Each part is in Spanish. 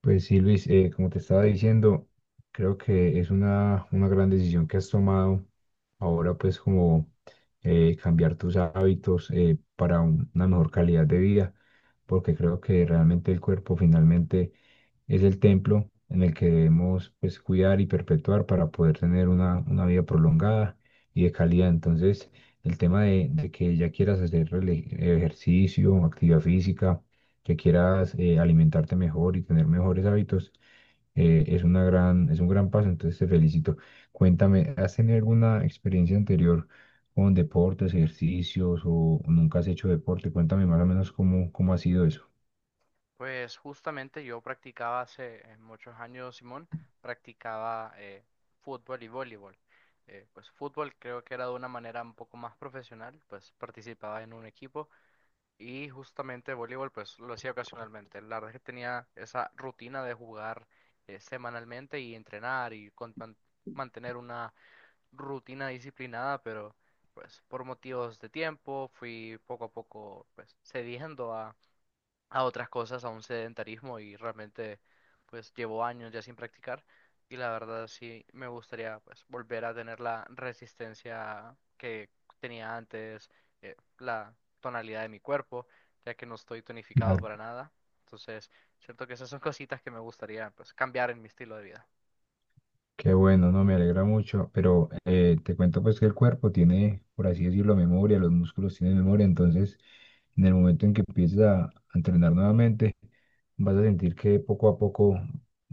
Pues sí, Luis, como te estaba diciendo, creo que es una gran decisión que has tomado ahora, pues como cambiar tus hábitos para una mejor calidad de vida, porque creo que realmente el cuerpo finalmente es el templo en el que debemos pues, cuidar y perpetuar para poder tener una vida prolongada y de calidad. Entonces, el tema de que ya quieras hacer ejercicio, actividad física, que quieras alimentarte mejor y tener mejores hábitos, es una gran, es un gran paso, entonces te felicito. Cuéntame, ¿has tenido alguna experiencia anterior con deportes, ejercicios o nunca has hecho deporte? Cuéntame más o menos cómo, cómo ha sido eso. Pues justamente yo practicaba hace muchos años, Simón, practicaba fútbol y voleibol. Pues fútbol creo que era de una manera un poco más profesional, pues participaba en un equipo y justamente voleibol pues lo hacía ocasionalmente. La verdad es que tenía esa rutina de jugar semanalmente y entrenar y mantener una rutina disciplinada, pero pues por motivos de tiempo fui poco a poco pues cediendo a otras cosas, a un sedentarismo y realmente pues llevo años ya sin practicar y la verdad sí me gustaría pues volver a tener la resistencia que tenía antes, la tonalidad de mi cuerpo, ya que no estoy tonificado para nada. Entonces, siento que esas son cositas que me gustaría pues cambiar en mi estilo de vida. Qué bueno, no me alegra mucho, pero te cuento pues que el cuerpo tiene, por así decirlo, memoria, los músculos tienen memoria, entonces en el momento en que empieces a entrenar nuevamente, vas a sentir que poco a poco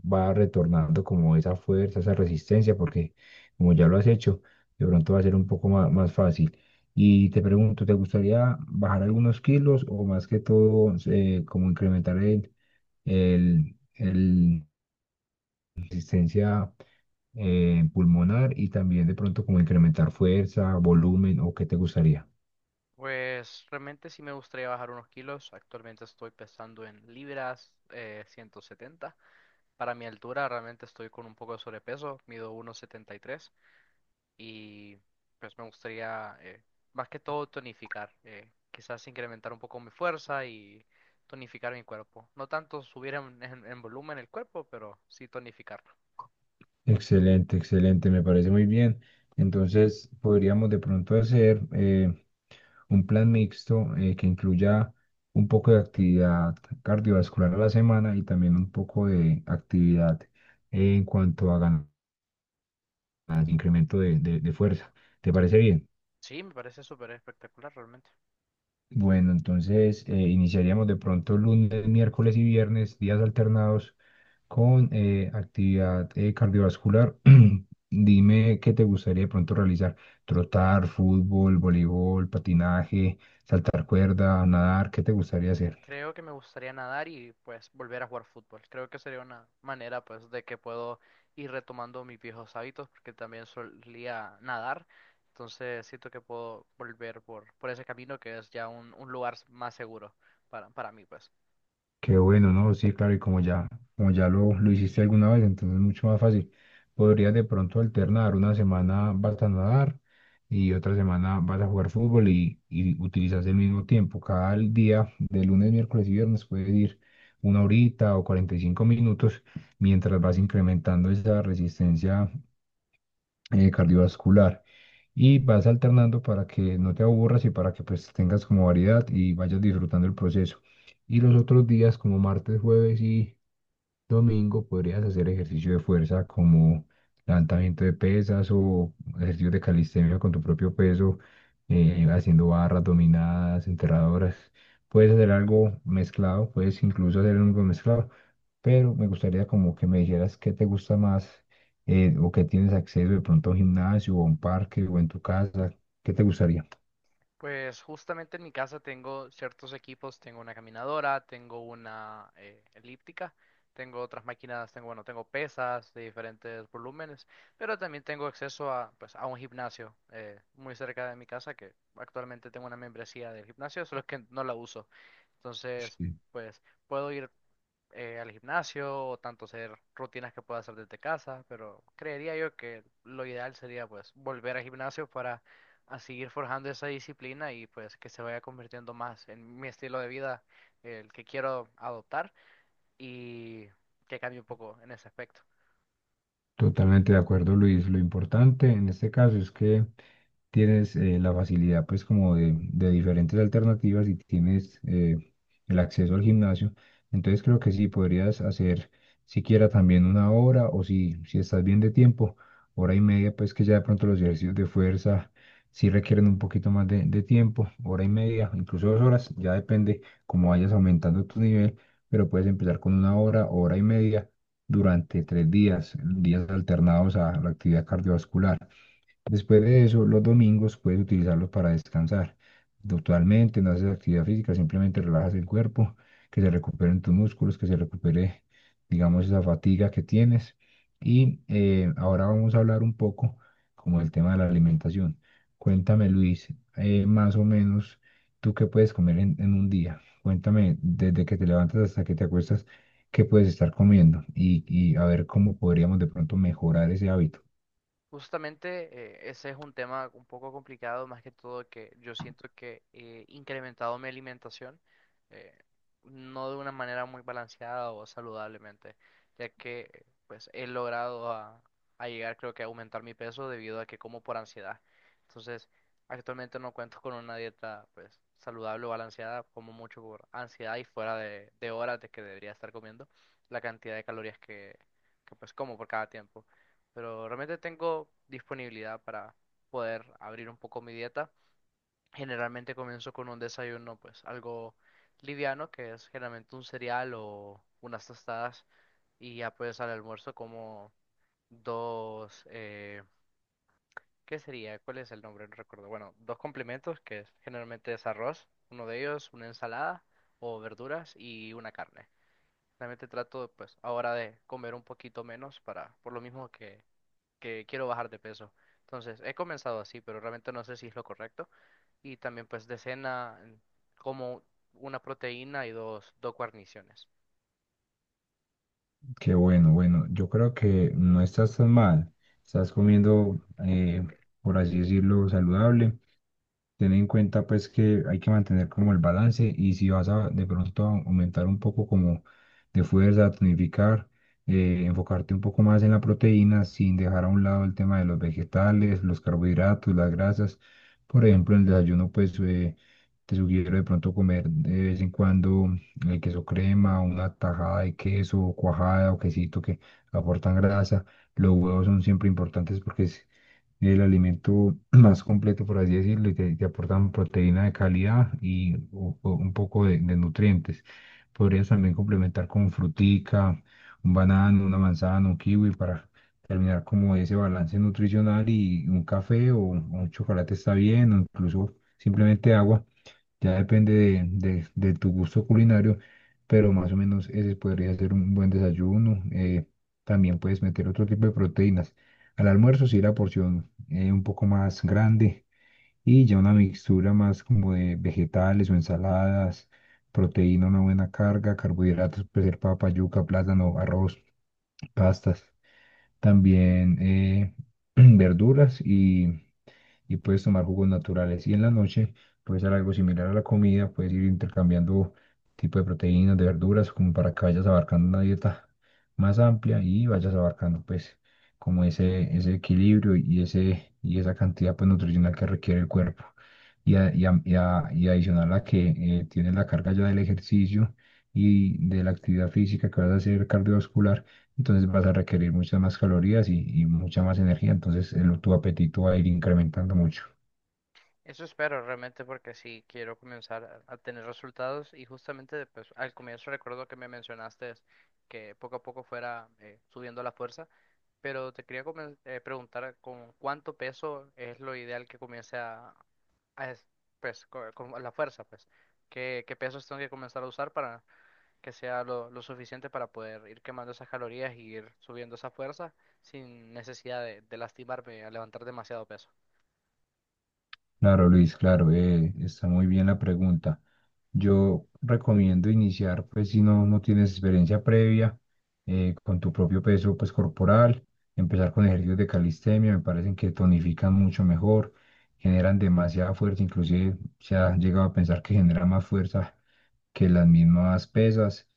va retornando como esa fuerza, esa resistencia, porque como ya lo has hecho, de pronto va a ser un poco más, fácil. Y te pregunto, ¿te gustaría bajar algunos kilos o más que todo como incrementar el la resistencia pulmonar? Y también de pronto como incrementar fuerza, volumen o qué te gustaría. Pues realmente sí me gustaría bajar unos kilos. Actualmente estoy pesando en libras, 170. Para mi altura realmente estoy con un poco de sobrepeso, mido 1,73 y tres y pues me gustaría más que todo tonificar, quizás incrementar un poco mi fuerza y tonificar mi cuerpo. No tanto subir en, en volumen el cuerpo, pero sí tonificarlo. Excelente, excelente, me parece muy bien. Entonces podríamos de pronto hacer un plan mixto que incluya un poco de actividad cardiovascular a la semana y también un poco de actividad en cuanto a ganar incremento de fuerza. ¿Te parece bien? Sí, me parece súper espectacular realmente. Bueno, entonces iniciaríamos de pronto lunes, miércoles y viernes, días alternados con actividad cardiovascular. Dime qué te gustaría de pronto realizar. Trotar, fútbol, voleibol, patinaje, saltar cuerda, nadar, ¿qué te gustaría hacer? Creo que me gustaría nadar y pues volver a jugar fútbol. Creo que sería una manera pues de que puedo ir retomando mis viejos hábitos porque también solía nadar. Entonces siento que puedo volver por ese camino que es ya un lugar más seguro para mí pues. Qué bueno, ¿no? Sí, claro, y como ya lo hiciste alguna vez, entonces es mucho más fácil. Podrías de pronto alternar, una semana vas a nadar y otra semana vas a jugar fútbol y utilizas el mismo tiempo. Cada día, de lunes, miércoles y viernes, puedes ir una horita o 45 minutos mientras vas incrementando esa resistencia cardiovascular y vas alternando para que no te aburras y para que pues tengas como variedad y vayas disfrutando el proceso. Y los otros días, como martes, jueves y domingo podrías hacer ejercicio de fuerza como levantamiento de pesas o ejercicios de calistenia con tu propio peso, haciendo barras dominadas, enterradoras. Puedes hacer algo mezclado, puedes incluso hacer algo mezclado, pero me gustaría como que me dijeras qué te gusta más o qué tienes acceso de pronto a un gimnasio o a un parque o en tu casa, ¿qué te gustaría? Pues justamente en mi casa tengo ciertos equipos, tengo una caminadora, tengo una elíptica, tengo otras máquinas, tengo, bueno, tengo pesas de diferentes volúmenes, pero también tengo acceso a, pues, a un gimnasio muy cerca de mi casa que actualmente tengo una membresía del gimnasio, solo que no la uso. Entonces, Sí, pues puedo ir al gimnasio o tanto hacer rutinas que pueda hacer desde casa, pero creería yo que lo ideal sería pues volver al gimnasio para a seguir forjando esa disciplina y pues que se vaya convirtiendo más en mi estilo de vida, el que quiero adoptar y que cambie un poco en ese aspecto. totalmente de acuerdo, Luis. Lo importante en este caso es que tienes la facilidad pues como de diferentes alternativas y tienes el acceso al gimnasio. Entonces creo que sí, podrías hacer siquiera también una hora o si, si estás bien de tiempo, hora y media, pues que ya de pronto los ejercicios de fuerza sí requieren un poquito más de tiempo, hora y media, incluso dos horas, ya depende cómo vayas aumentando tu nivel, pero puedes empezar con una hora, hora y media durante tres días, días alternados a la actividad cardiovascular. Después de eso, los domingos puedes utilizarlos para descansar. Totalmente, no haces actividad física, simplemente relajas el cuerpo, que se recuperen tus músculos, que se recupere, digamos, esa fatiga que tienes. Y ahora vamos a hablar un poco como el tema de la alimentación. Cuéntame, Luis, más o menos, ¿tú qué puedes comer en un día? Cuéntame, desde que te levantas hasta que te acuestas, ¿qué puedes estar comiendo? Y a ver cómo podríamos de pronto mejorar ese hábito. Justamente ese es un tema un poco complicado, más que todo que yo siento que he incrementado mi alimentación, eh, no de una manera muy balanceada o saludablemente, ya que pues he logrado a llegar creo que a aumentar mi peso debido a que como por ansiedad. Entonces, actualmente no cuento con una dieta pues saludable o balanceada, como mucho por ansiedad y fuera de horas de que debería estar comiendo la cantidad de calorías que pues como por cada tiempo pero realmente tengo disponibilidad para poder abrir un poco mi dieta. Generalmente comienzo con un desayuno, pues algo liviano, que es generalmente un cereal o unas tostadas, y ya pues al almuerzo como dos, ¿qué sería? ¿Cuál es el nombre? No recuerdo. Bueno, dos complementos, que es- generalmente es arroz, uno de ellos, una ensalada o verduras y una carne. Realmente trato, pues, ahora de comer un poquito menos para, por lo mismo que quiero bajar de peso. Entonces, he comenzado así, pero realmente no sé si es lo correcto. Y también pues de cena como una proteína y dos, dos guarniciones. Qué bueno, bueno, yo creo que no estás tan mal. Estás comiendo, eh, por así decirlo, saludable. Ten en cuenta pues que hay que mantener como el balance y si vas a de pronto a aumentar un poco como de fuerza, tonificar, enfocarte un poco más en la proteína sin dejar a un lado el tema de los vegetales, los carbohidratos, las grasas. Por ejemplo, en el desayuno pues te sugiero de pronto comer de vez en cuando el queso crema, una tajada de queso, cuajada o quesito que aportan grasa. Los huevos son siempre importantes porque el alimento más completo, por así decirlo, y te aportan proteína de calidad y un poco de nutrientes. Podrías también complementar con frutica, un banano, una manzana, un kiwi para terminar como ese balance nutricional y un café o un chocolate está bien, o incluso simplemente agua. Ya depende de tu gusto culinario, pero más o menos ese podría ser un buen desayuno. También puedes meter otro tipo de proteínas. Al almuerzo sí la porción un poco más grande y ya una mixtura más como de vegetales o ensaladas, proteína, una buena carga, carbohidratos, puede ser papa, yuca, plátano, arroz, pastas, también verduras y puedes tomar jugos naturales. Y en la noche puedes hacer algo similar a la comida, puedes ir intercambiando tipo de proteínas, de verduras, como para que vayas abarcando una dieta más amplia y vayas abarcando pues como ese equilibrio y, ese, y esa cantidad pues, nutricional que requiere el cuerpo. Y, y, y, y adicional a que tienes la carga ya del ejercicio y de la actividad física que vas a hacer cardiovascular entonces vas a requerir muchas más calorías y mucha más energía, entonces tu apetito va a ir incrementando mucho. Eso espero realmente porque sí quiero comenzar a tener resultados y justamente pues, al comienzo recuerdo que me mencionaste que poco a poco fuera subiendo la fuerza, pero te quería preguntar con cuánto peso es lo ideal que comience a es- pues, con la fuerza, pues, qué pesos tengo que comenzar a usar para que sea lo suficiente para poder ir quemando esas calorías y ir subiendo esa fuerza sin necesidad de lastimarme a levantar demasiado peso. Claro, Luis, claro, está muy bien la pregunta. Yo recomiendo iniciar, pues si no, no tienes experiencia previa, con tu propio peso, pues corporal, empezar con ejercicios de calistenia, me parecen que tonifican mucho mejor, generan demasiada fuerza, inclusive se ha llegado a pensar que genera más fuerza que las mismas pesas.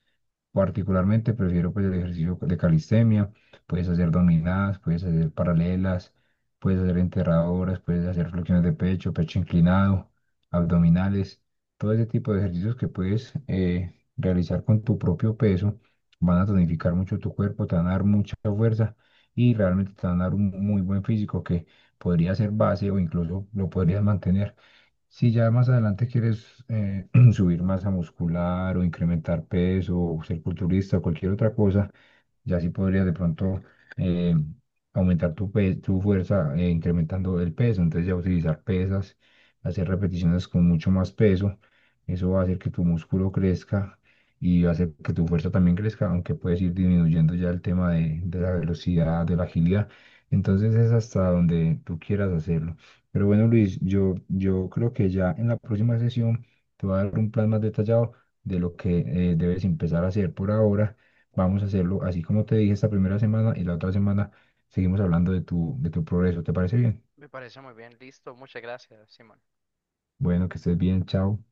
Particularmente prefiero pues el ejercicio de calistenia, puedes hacer dominadas, puedes hacer paralelas, puedes hacer enterradoras, puedes hacer flexiones de pecho, pecho inclinado, abdominales, todo ese tipo de ejercicios que puedes realizar con tu propio peso van a tonificar mucho tu cuerpo, te van a dar mucha fuerza y realmente te van a dar un muy buen físico que podría ser base o incluso lo podrías mantener. Si ya más adelante quieres subir masa muscular o incrementar peso o ser culturista o cualquier otra cosa, ya sí podrías de pronto eh, aumentar tu, tu fuerza incrementando el peso. Entonces ya utilizar pesas, hacer repeticiones con mucho más peso. Eso va a hacer que tu músculo crezca y va a hacer que tu fuerza también crezca, aunque puedes ir disminuyendo ya el tema de la Ujú. velocidad, de la agilidad. Entonces es hasta donde tú quieras hacerlo. Pero bueno, Luis, yo creo que ya en la próxima sesión te voy a dar un plan más detallado de lo que debes Ujú. empezar a hacer por ahora. Vamos a hacerlo así como te dije esta primera semana y la otra semana seguimos hablando de tu progreso. ¿Te parece bien? Me parece muy bien, listo, muchas gracias, Simón. Bueno, que estés bien, chao.